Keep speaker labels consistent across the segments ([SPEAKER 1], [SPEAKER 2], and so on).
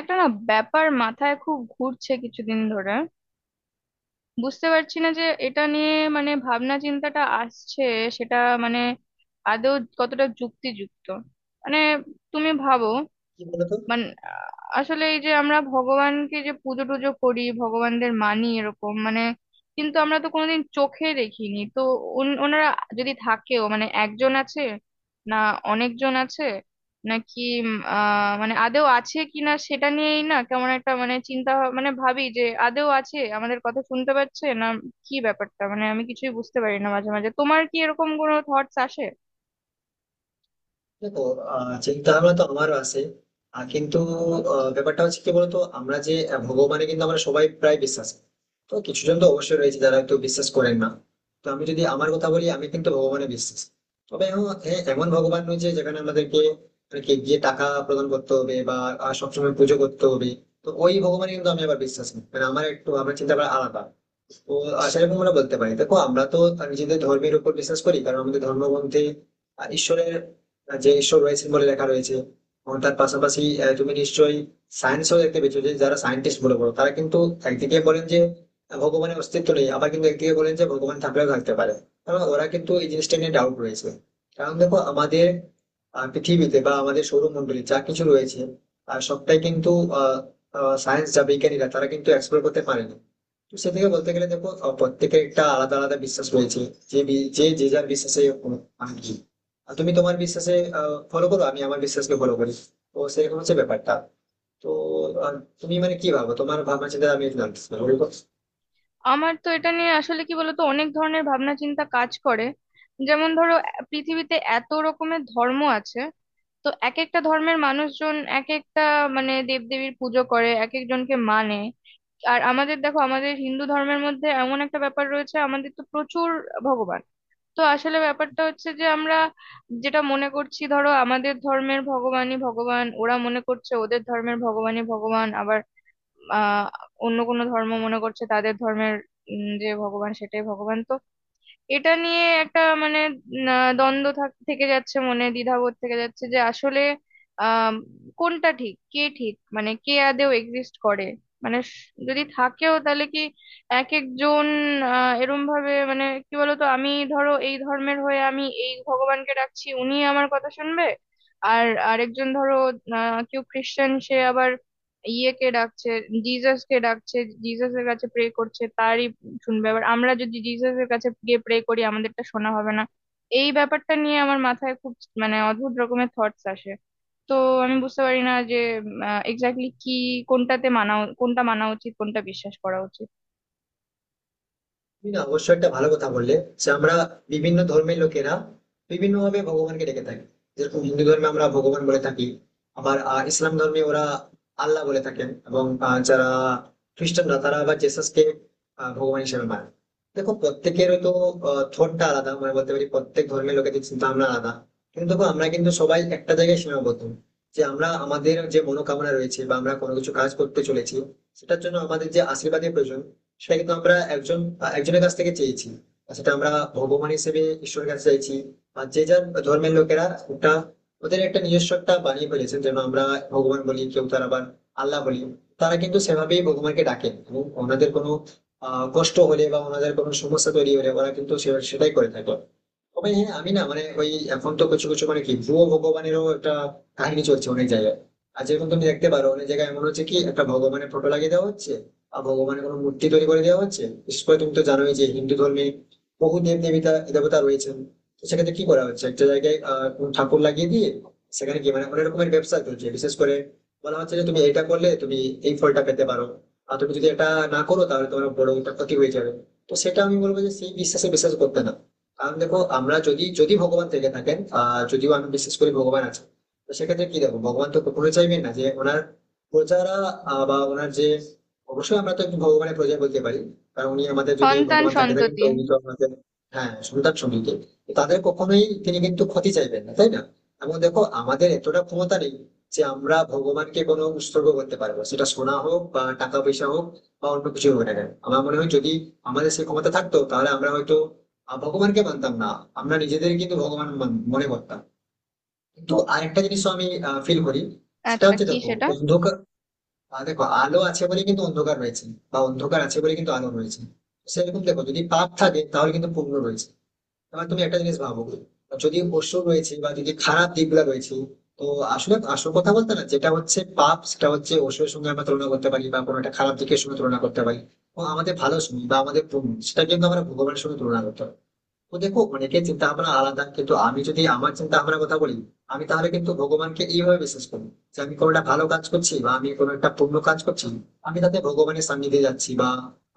[SPEAKER 1] একটা না ব্যাপার মাথায় খুব ঘুরছে কিছুদিন ধরে। বুঝতে পারছি না যে এটা নিয়ে মানে ভাবনা চিন্তাটা আসছে সেটা মানে আদৌ কতটা যুক্তিযুক্ত। মানে তুমি ভাবো।
[SPEAKER 2] কি বলতো?
[SPEAKER 1] মানে আসলে এই যে আমরা ভগবানকে যে পুজো টুজো করি, ভগবানদের মানি এরকম, মানে কিন্তু আমরা তো কোনোদিন চোখে দেখিনি তো। ওনারা যদি থাকেও মানে একজন আছে না অনেকজন আছে নাকি। উম, আহ মানে আদেও আছে কিনা সেটা নিয়েই না কেমন একটা মানে চিন্তা মানে ভাবি যে আদেও আছে, আমাদের কথা শুনতে পাচ্ছে না, কি ব্যাপারটা। মানে আমি কিছুই বুঝতে পারি না মাঝে মাঝে। তোমার কি এরকম কোনো থটস আসে?
[SPEAKER 2] দেখো, চিন্তাভাবনা তো আমারও আছে। কিন্তু ব্যাপারটা হচ্ছে কি বলতো, আমরা যে ভগবানে কিন্তু আমরা সবাই প্রায় বিশ্বাস করি। তো কিছু জন তো অবশ্যই রয়েছে যারা হয়তো বিশ্বাস করেন না। তো আমি যদি আমার কথা বলি, আমি কিন্তু ভগবানে বিশ্বাস। তবে হ্যাঁ হ্যাঁ, এমন ভগবান নয় যে যেখানে আমাদেরকে আর কি গিয়ে টাকা প্রদান করতে হবে বা সবসময় পুজো করতে হবে। তো ওই ভগবানে কিন্তু আমি আবার বিশ্বাস নেই, মানে আমার একটু আমার চিন্তা ভাবনা আলাদা। তো সেরকম আমরা বলতে পারি। দেখো, আমরা তো তার নিজেদের ধর্মের উপর বিশ্বাস করি কারণ আমাদের ধর্মগ্রন্থে ঈশ্বরের যে ঈশ্বর রয়েছেন বলে লেখা রয়েছে। এবং তার পাশাপাশি তুমি নিশ্চয়ই সায়েন্সও দেখতে পেয়েছো যে যারা সায়েন্টিস্ট বলে বলো তারা কিন্তু একদিকে বলেন যে ভগবানের অস্তিত্ব নেই, আবার কিন্তু একদিকে বলেন যে ভগবান থাকলেও থাকতে পারে। কারণ ওরা কিন্তু এই জিনিসটা নিয়ে ডাউট রয়েছে। কারণ দেখো আমাদের পৃথিবীতে বা আমাদের সৌরমণ্ডলে যা কিছু রয়েছে আর সবটাই কিন্তু আহ সায়েন্স যা বিজ্ঞানীরা তারা কিন্তু এক্সপ্লোর করতে পারেনি। সেদিকে বলতে গেলে দেখো, প্রত্যেকের একটা আলাদা আলাদা বিশ্বাস রয়েছে। যে যে যে যার বিশ্বাসে আমি কি, আর তুমি তোমার বিশ্বাসে ফলো করো, আমি আমার বিশ্বাসকে ফলো করি। তো সেরকম হচ্ছে ব্যাপারটা। তো আহ, তুমি মানে কি ভাবো, তোমার ভাবনা চিন্তা আমি জানতে চাই, বলো তো।
[SPEAKER 1] আমার তো এটা নিয়ে আসলে কি বলতো অনেক ধরনের ভাবনা চিন্তা কাজ করে। যেমন ধরো, পৃথিবীতে এত রকমের ধর্ম আছে। তো এক একটা ধর্মের মানুষজন এক একটা মানে দেবদেবীর পুজো করে এক একজনকে মানে। আর আমাদের দেখো, আমাদের হিন্দু ধর্মের মধ্যে এমন একটা ব্যাপার রয়েছে, আমাদের তো প্রচুর ভগবান। তো আসলে ব্যাপারটা হচ্ছে যে আমরা যেটা মনে করছি ধরো আমাদের ধর্মের ভগবানই ভগবান, ওরা মনে করছে ওদের ধর্মের ভগবানই ভগবান, আবার আহ অন্য কোনো ধর্ম মনে করছে তাদের ধর্মের যে ভগবান সেটাই ভগবান। তো এটা নিয়ে একটা মানে দ্বন্দ্ব থেকে যাচ্ছে, মনে দ্বিধাবোধ থেকে যাচ্ছে যে আসলে আহ কোনটা ঠিক, কে ঠিক, মানে কে আদেও এক্সিস্ট করে। মানে যদি থাকেও তাহলে কি এক একজন। এরম ভাবে মানে কি বলতো, আমি ধরো এই ধর্মের হয়ে আমি এই ভগবানকে ডাকছি, উনি আমার কথা শুনবে। আর আরেকজন ধরো কেউ খ্রিস্টান, সে আবার ইয়েকে ডাকছে, জিজাস কে ডাকছে, জিজাসের কাছে প্রে করছে, তারই শুনবে। এবার আমরা যদি জিসাসের কাছে গিয়ে প্রে করি আমাদেরটা শোনা হবে না? এই ব্যাপারটা নিয়ে আমার মাথায় খুব মানে অদ্ভুত রকমের থটস আসে। তো আমি বুঝতে পারি না যে এক্স্যাক্টলি কি কোনটাতে কোনটা মানা উচিত, কোনটা বিশ্বাস করা উচিত।
[SPEAKER 2] তুমি না অবশ্যই একটা ভালো কথা বললে যে আমরা বিভিন্ন ধর্মের লোকেরা বিভিন্ন ভাবে ভগবানকে ডেকে থাকি। যেরকম হিন্দু ধর্মে আমরা ভগবান বলে থাকি, আবার ইসলাম ধর্মে ওরা আল্লাহ বলে থাকেন, এবং যারা খ্রিস্টানরা তারা আবার জেসাসকে ভগবান হিসেবে মানে। দেখো প্রত্যেকের তো থটটা আলাদা, মানে বলতে পারি প্রত্যেক ধর্মের লোকেদের চিন্তা ভাবনা আলাদা। কিন্তু দেখো আমরা কিন্তু সবাই একটা জায়গায় সীমাবদ্ধ, যে আমরা আমাদের যে মনোকামনা রয়েছে বা আমরা কোনো কিছু কাজ করতে চলেছি, সেটার জন্য আমাদের যে আশীর্বাদের প্রয়োজন, সেটা কিন্তু আমরা একজন একজনের কাছ থেকে চেয়েছি। আর সেটা আমরা ভগবান হিসেবে ঈশ্বরের কাছে চাইছি। আর যে যার ধর্মের লোকেরা ওটা ওদের একটা নিজস্ব একটা বানিয়ে ফেলেছেন যেন আমরা ভগবান বলি, কেউ তার আবার আল্লাহ বলি। তারা কিন্তু সেভাবেই ভগবানকে ডাকেন, এবং ওনাদের কোনো কষ্ট হলে বা ওনাদের কোনো সমস্যা তৈরি হলে ওরা কিন্তু সেটাই করে থাকে। তবে হ্যাঁ আমি না, মানে ওই এখন তো কিছু কিছু মানে কি ভুয়ো ভগবানেরও একটা কাহিনী চলছে অনেক জায়গায়। আর যেরকম তুমি দেখতে পারো অনেক জায়গায় এমন হচ্ছে কি একটা ভগবানের ফটো লাগিয়ে দেওয়া হচ্ছে, আর ভগবানের কোনো মূর্তি তৈরি করে দেওয়া হচ্ছে। বিশেষ করে তুমি তো জানোই যে হিন্দু ধর্মে বহু দেব দেবতা দেবতা রয়েছেন। তো সেক্ষেত্রে কি করা হচ্ছে একটা জায়গায় কোনো ঠাকুর লাগিয়ে দিয়ে সেখানে কি মানে অনেক রকমের ব্যবসা চলছে। বিশেষ করে বলা হচ্ছে যে তুমি এটা করলে তুমি এই ফলটা পেতে পারো, আর তুমি যদি এটা না করো তাহলে তোমার বড় একটা ক্ষতি হয়ে যাবে। তো সেটা আমি বলবো যে সেই বিশ্বাসে বিশ্বাস করতে না। কারণ দেখো আমরা যদি যদি ভগবান থেকে থাকেন, যদিও আমি বিশ্বাস করি ভগবান আছে। তো সেক্ষেত্রে কি দেখো ভগবান তো কখনো চাইবেন না যে ওনার প্রজারা বা ওনার যে অবশ্যই আমরা তো একটু ভগবানের প্রজা বলতে পারি। কারণ উনি আমাদের যদি
[SPEAKER 1] সন্তান
[SPEAKER 2] ভগবান থাকেন
[SPEAKER 1] সন্ততি।
[SPEAKER 2] তো উনি তো আমাদের হ্যাঁ সন্তান সঙ্গীকে তাদের কখনোই তিনি কিন্তু ক্ষতি চাইবেন না, তাই না? এবং দেখো আমাদের এতটা ক্ষমতা নেই যে আমরা ভগবানকে কোনো উৎসর্গ করতে পারবো, সেটা সোনা হোক বা টাকা পয়সা হোক বা অন্য কিছু হোক না কেন। আমার মনে হয় যদি আমাদের সেই ক্ষমতা থাকতো তাহলে আমরা হয়তো ভগবানকে মানতাম না, আমরা নিজেদের কিন্তু ভগবান মনে করতাম। কিন্তু আরেকটা জিনিস আমি ফিল করি। সেটা
[SPEAKER 1] আচ্ছা,
[SPEAKER 2] হচ্ছে
[SPEAKER 1] কি
[SPEAKER 2] দেখো
[SPEAKER 1] সেটা?
[SPEAKER 2] অন্ধকার, দেখো আলো আছে বলে কিন্তু অন্ধকার রয়েছে, বা অন্ধকার আছে বলে কিন্তু আলো রয়েছে। সেরকম দেখো যদি পাপ থাকে তাহলে কিন্তু পুণ্য রয়েছে। এবার তুমি একটা জিনিস ভাবো, যদি অসুর রয়েছে বা যদি খারাপ দিকগুলো রয়েছে, তো আসলে আসল কথা বলতে না যেটা হচ্ছে পাপ সেটা হচ্ছে অসুরের সঙ্গে আমরা তুলনা করতে পারি বা কোনো একটা খারাপ দিকের সঙ্গে তুলনা করতে পারি। ও আমাদের ভালো সময় বা আমাদের পুণ্য, সেটা কিন্তু আমরা ভগবানের সঙ্গে তুলনা করতে পারি। তো দেখো অনেকের চিন্তা ভাবনা আলাদা, কিন্তু আমি যদি আমার চিন্তা ভাবনার কথা বলি, আমি তাহলে কিন্তু ভগবানকে এইভাবে বিশ্বাস করি যে আমি কোনো একটা ভালো কাজ করছি বা আমি কোনো একটা পুণ্য কাজ করছি, আমি তাতে ভগবানের সান্নিধ্যে যাচ্ছি বা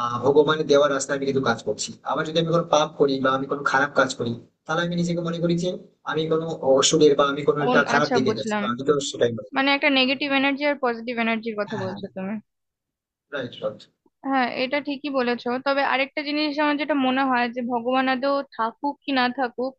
[SPEAKER 2] ভগবানের দেওয়ার রাস্তায় আমি কিন্তু কাজ করছি। আবার যদি আমি কোনো পাপ করি বা আমি কোনো খারাপ কাজ করি, তাহলে আমি নিজেকে মনে করি যে আমি কোনো অসুরের বা আমি কোনো একটা খারাপ
[SPEAKER 1] আচ্ছা,
[SPEAKER 2] দিকে যাচ্ছি,
[SPEAKER 1] বুঝলাম।
[SPEAKER 2] তো আমি তো সেটাই মনে
[SPEAKER 1] মানে
[SPEAKER 2] করি।
[SPEAKER 1] একটা নেগেটিভ এনার্জি আর পজিটিভ এনার্জির কথা
[SPEAKER 2] হ্যাঁ,
[SPEAKER 1] বলছো তুমি।
[SPEAKER 2] Right right.
[SPEAKER 1] হ্যাঁ, এটা ঠিকই বলেছো। তবে আরেকটা জিনিস আমার যেটা মনে হয় যে ভগবান আদৌ থাকুক কি না থাকুক,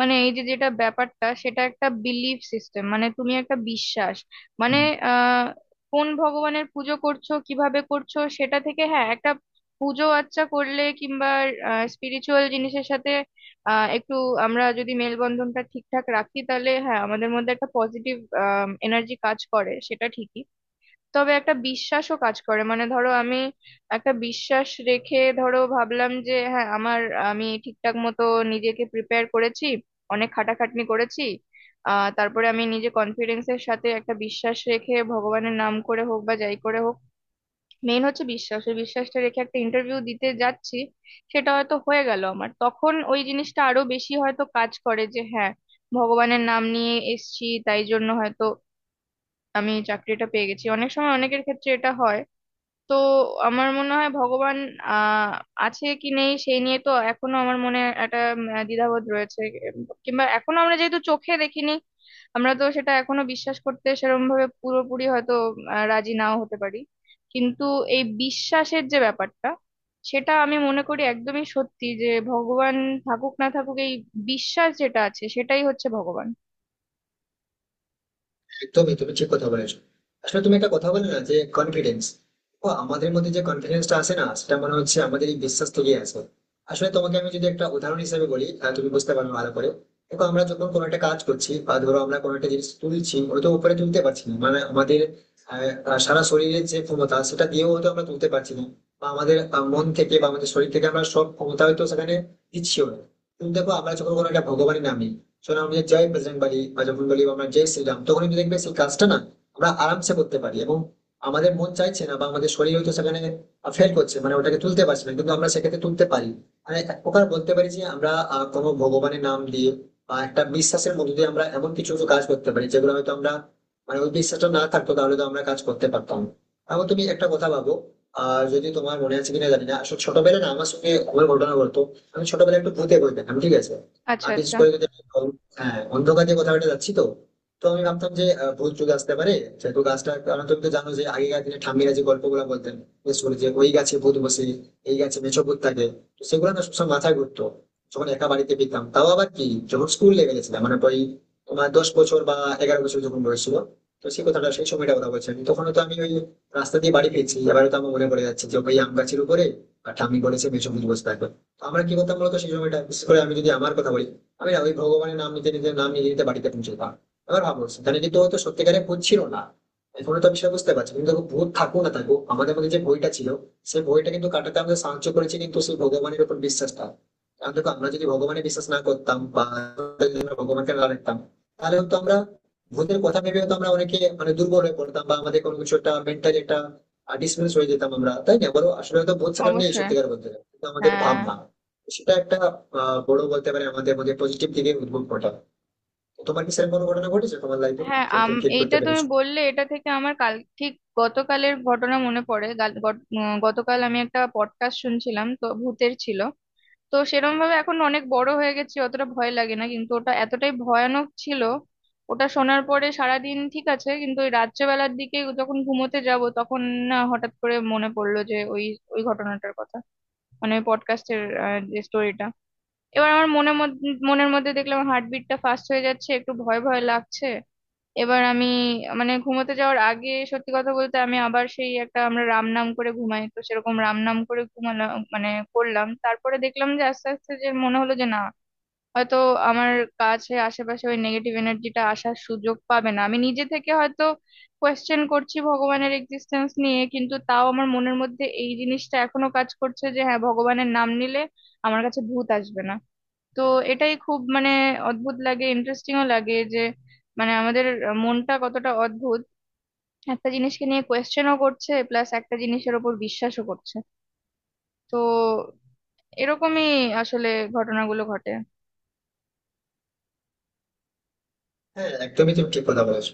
[SPEAKER 1] মানে এই যে যেটা ব্যাপারটা, সেটা একটা বিলিফ সিস্টেম। মানে তুমি একটা বিশ্বাস মানে আহ কোন ভগবানের পুজো করছো, কিভাবে করছো, সেটা থেকে হ্যাঁ একটা পুজো আচ্চা করলে কিংবা স্পিরিচুয়াল জিনিসের সাথে একটু আমরা যদি মেলবন্ধনটা ঠিকঠাক রাখি, তাহলে হ্যাঁ আমাদের মধ্যে একটা পজিটিভ এনার্জি কাজ করে, সেটা ঠিকই। তবে একটা বিশ্বাসও কাজ করে। মানে ধরো আমি একটা বিশ্বাস রেখে ধরো ভাবলাম যে হ্যাঁ, আমার আমি ঠিকঠাক মতো নিজেকে প্রিপেয়ার করেছি, অনেক খাটাখাটনি করেছি, তারপরে আমি নিজে কনফিডেন্সের সাথে একটা বিশ্বাস রেখে ভগবানের নাম করে হোক বা যাই করে হোক, মেইন হচ্ছে বিশ্বাস, ওই বিশ্বাসটা রেখে একটা ইন্টারভিউ দিতে যাচ্ছি। সেটা হয়তো হয়ে গেল, আমার তখন ওই জিনিসটা আরো বেশি হয়তো কাজ করে যে হ্যাঁ ভগবানের নাম নিয়ে এসছি তাই জন্য হয়তো আমি চাকরিটা পেয়ে গেছি। অনেক সময় অনেকের ক্ষেত্রে এটা হয়। তো আমার মনে হয় ভগবান আহ আছে কি নেই সেই নিয়ে তো এখনো আমার মনে একটা দ্বিধাবোধ রয়েছে। এম, কিংবা এখনো আমরা যেহেতু চোখে দেখিনি, আমরা তো সেটা এখনো বিশ্বাস করতে সেরকম ভাবে পুরোপুরি হয়তো রাজি নাও হতে পারি। কিন্তু এই বিশ্বাসের যে ব্যাপারটা, সেটা আমি মনে করি একদমই সত্যি যে ভগবান থাকুক না থাকুক, এই বিশ্বাস যেটা আছে সেটাই হচ্ছে ভগবান।
[SPEAKER 2] একদমই তুমি ঠিক কথা বলেছো। আসলে তুমি একটা কথা বলে না যে কনফিডেন্স, ও আমাদের মধ্যে যে কনফিডেন্সটা আসে না সেটা মনে হচ্ছে আমাদের এই বিশ্বাস থেকেই আসে। আসলে তোমাকে আমি যদি একটা উদাহরণ হিসেবে বলি তুমি বুঝতে পারবে ভালো করে। দেখো আমরা যখন কোনো একটা কাজ করছি বা ধরো আমরা কোনো একটা জিনিস তুলছি, ওটা তো উপরে তুলতে পারছি না, মানে আমাদের আহ, আহ, সারা শরীরের যে ক্ষমতা সেটা দিয়েও হয়তো আমরা তুলতে পারছি না, বা আমাদের মন থেকে বা আমাদের শরীর থেকে আমরা সব ক্ষমতা হয়তো সেখানে দিচ্ছিও না। কিন্তু দেখো আমরা যখন কোনো একটা ভগবানের নাম নিই, সোনা আমরা জয় প্রেসিডেন্ট বলি বা যখন বলি আমরা জয় শ্রীরাম, তখন কিন্তু দেখবে সেই কাজটা না আমরা আরামসে করতে পারি। এবং আমাদের মন চাইছে না বা আমাদের শরীর হয়তো সেখানে ফেল করছে, মানে ওটাকে তুলতে পারছে না, কিন্তু আমরা সেক্ষেত্রে তুলতে পারি। মানে এক প্রকার বলতে পারি যে আমরা কোনো ভগবানের নাম দিয়ে বা একটা বিশ্বাসের মধ্যে দিয়ে আমরা এমন কিছু কিছু কাজ করতে পারি যেগুলো হয়তো আমরা, মানে ওই বিশ্বাসটা না থাকতো তাহলে তো আমরা কাজ করতে পারতাম না। এখন তুমি একটা কথা ভাবো, যদি তোমার মনে আছে কিনা জানি না, আসলে ছোটবেলায় না আমার সঙ্গে আমার ঘটনা বলতো। আমি ছোটবেলায় একটু ভূতে বই পেতাম, ঠিক আছে?
[SPEAKER 1] আচ্ছা
[SPEAKER 2] আমি বিশেষ
[SPEAKER 1] আচ্ছা।
[SPEAKER 2] করে যদি আমি হ্যাঁ অন্ধকার যে কথাটা যাচ্ছি তো। তো আমি ভাবতাম যে ভূত যুগ আসতে পারে, সেহেতু গাছটা, কারণ তুমি তো জানো যে আগেকার দিনে ঠাম্মিরা যে গল্পগুলো বলতেন, বিশেষ করে যে ওই গাছে ভূত বসে, এই গাছে মেছো ভূত থাকে। তো সেগুলো না সবসময় মাথায় ঘুরতো, যখন একা বাড়িতে পেতাম, তাও আবার কি, যখন স্কুল লেভেলে ছিলাম, মানে ওই তোমার 10 বছর বা 11 বছর যখন বয়স ছিল। তো সেই কথাটা সেই সময়টা কথা বলছি, আমি তখন তো আমি ওই রাস্তা দিয়ে বাড়ি ফিরছি, এবারে তো আমার মনে পড়ে যাচ্ছে যে ওই আম গাছের উপরে আর ঠাম্মি বলেছে মেছো ভূত বসে থাকবে। তো আমরা কি করতাম বলতো সেই সময়টা, বিশেষ করে আমি যদি আমার কথা বলি, আমি না ওই ভগবানের নাম নিতে নিতে নাম নিতে নিতে বাড়িতে পৌঁছেছিলাম। এবার ভাবো সেখানে কিন্তু হয়তো সত্যিকারে ভূত ছিল না, এখনো তো আমি সেটা বুঝতে পারছি, কিন্তু দেখো, ভূত থাকুক না থাকুক আমাদের মধ্যে যে ভয়টা ছিল সেই ভয়টা কিন্তু কাটাতে আমাদের সাহায্য করেছে কিন্তু সেই ভগবানের উপর বিশ্বাসটা। কারণ দেখো আমরা যদি ভগবানে বিশ্বাস না করতাম বা যদি আমরা ভগবানকে না রাখতাম তাহলে হয়তো আমরা ভূতের কথা ভেবে হয়তো আমরা অনেকে মানে দুর্বল হয়ে পড়তাম বা আমাদের কোনো কিছু একটা মেন্টালি একটা ডিসমিস হয়ে যেতাম আমরা, তাই না বলো? আসলে হয়তো ভূত সেখানে নেই
[SPEAKER 1] অবশ্যই।
[SPEAKER 2] সত্যিকার বলতে গেলে। কিন্তু আমাদের
[SPEAKER 1] হ্যাঁ।
[SPEAKER 2] ভাবনা সেটা একটা বড় বলতে পারে আমাদের মধ্যে পজিটিভ দিকে উদ্ভব ঘটা। তো তোমার কি সেরকম কোনো ঘটনা ঘটেছে তোমার লাইফে?
[SPEAKER 1] হ্যাঁ,
[SPEAKER 2] তুমি ঠিক করতে
[SPEAKER 1] এইটা তুমি
[SPEAKER 2] পেরেছো।
[SPEAKER 1] বললে, এটা থেকে আমার কাল ঠিক গতকালের ঘটনা মনে পড়ে। গতকাল আমি একটা পডকাস্ট শুনছিলাম, তো ভূতের ছিল। তো সেরকম ভাবে এখন অনেক বড় হয়ে গেছি, অতটা ভয় লাগে না, কিন্তু ওটা এতটাই ভয়ানক ছিল। ওটা শোনার পরে সারাদিন ঠিক আছে, কিন্তু ওই রাত্রেবেলার দিকে যখন ঘুমোতে যাব, তখন না হঠাৎ করে মনে পড়লো যে ওই ওই ঘটনাটার কথা। মানে ওই পডকাস্টের যে স্টোরিটা। এবার আমার মনের মধ্যে দেখলাম হার্টবিটটা ফাস্ট হয়ে যাচ্ছে, একটু ভয় ভয় লাগছে। এবার আমি মানে ঘুমোতে যাওয়ার আগে সত্যি কথা বলতে আমি আবার সেই একটা, আমরা রাম নাম করে ঘুমাই তো সেরকম রাম নাম করে ঘুমালাম। মানে করলাম, তারপরে দেখলাম যে আস্তে আস্তে যে মনে হলো যে না, হয়তো আমার কাছে আশেপাশে ওই নেগেটিভ এনার্জিটা আসার সুযোগ পাবে না। আমি নিজে থেকে হয়তো কোয়েশ্চেন করছি ভগবানের এক্সিস্টেন্স নিয়ে, কিন্তু তাও আমার মনের মধ্যে এই জিনিসটা এখনো কাজ করছে যে হ্যাঁ, ভগবানের নাম নিলে আমার কাছে ভূত আসবে না। তো এটাই খুব মানে অদ্ভুত লাগে, ইন্টারেস্টিংও লাগে যে মানে আমাদের মনটা কতটা অদ্ভুত। একটা জিনিসকে নিয়ে কোয়েশ্চেনও করছে, প্লাস একটা জিনিসের ওপর বিশ্বাসও করছে। তো এরকমই আসলে ঘটনাগুলো ঘটে।
[SPEAKER 2] হ্যাঁ, একদমই তুমি ঠিক কথা বলেছো।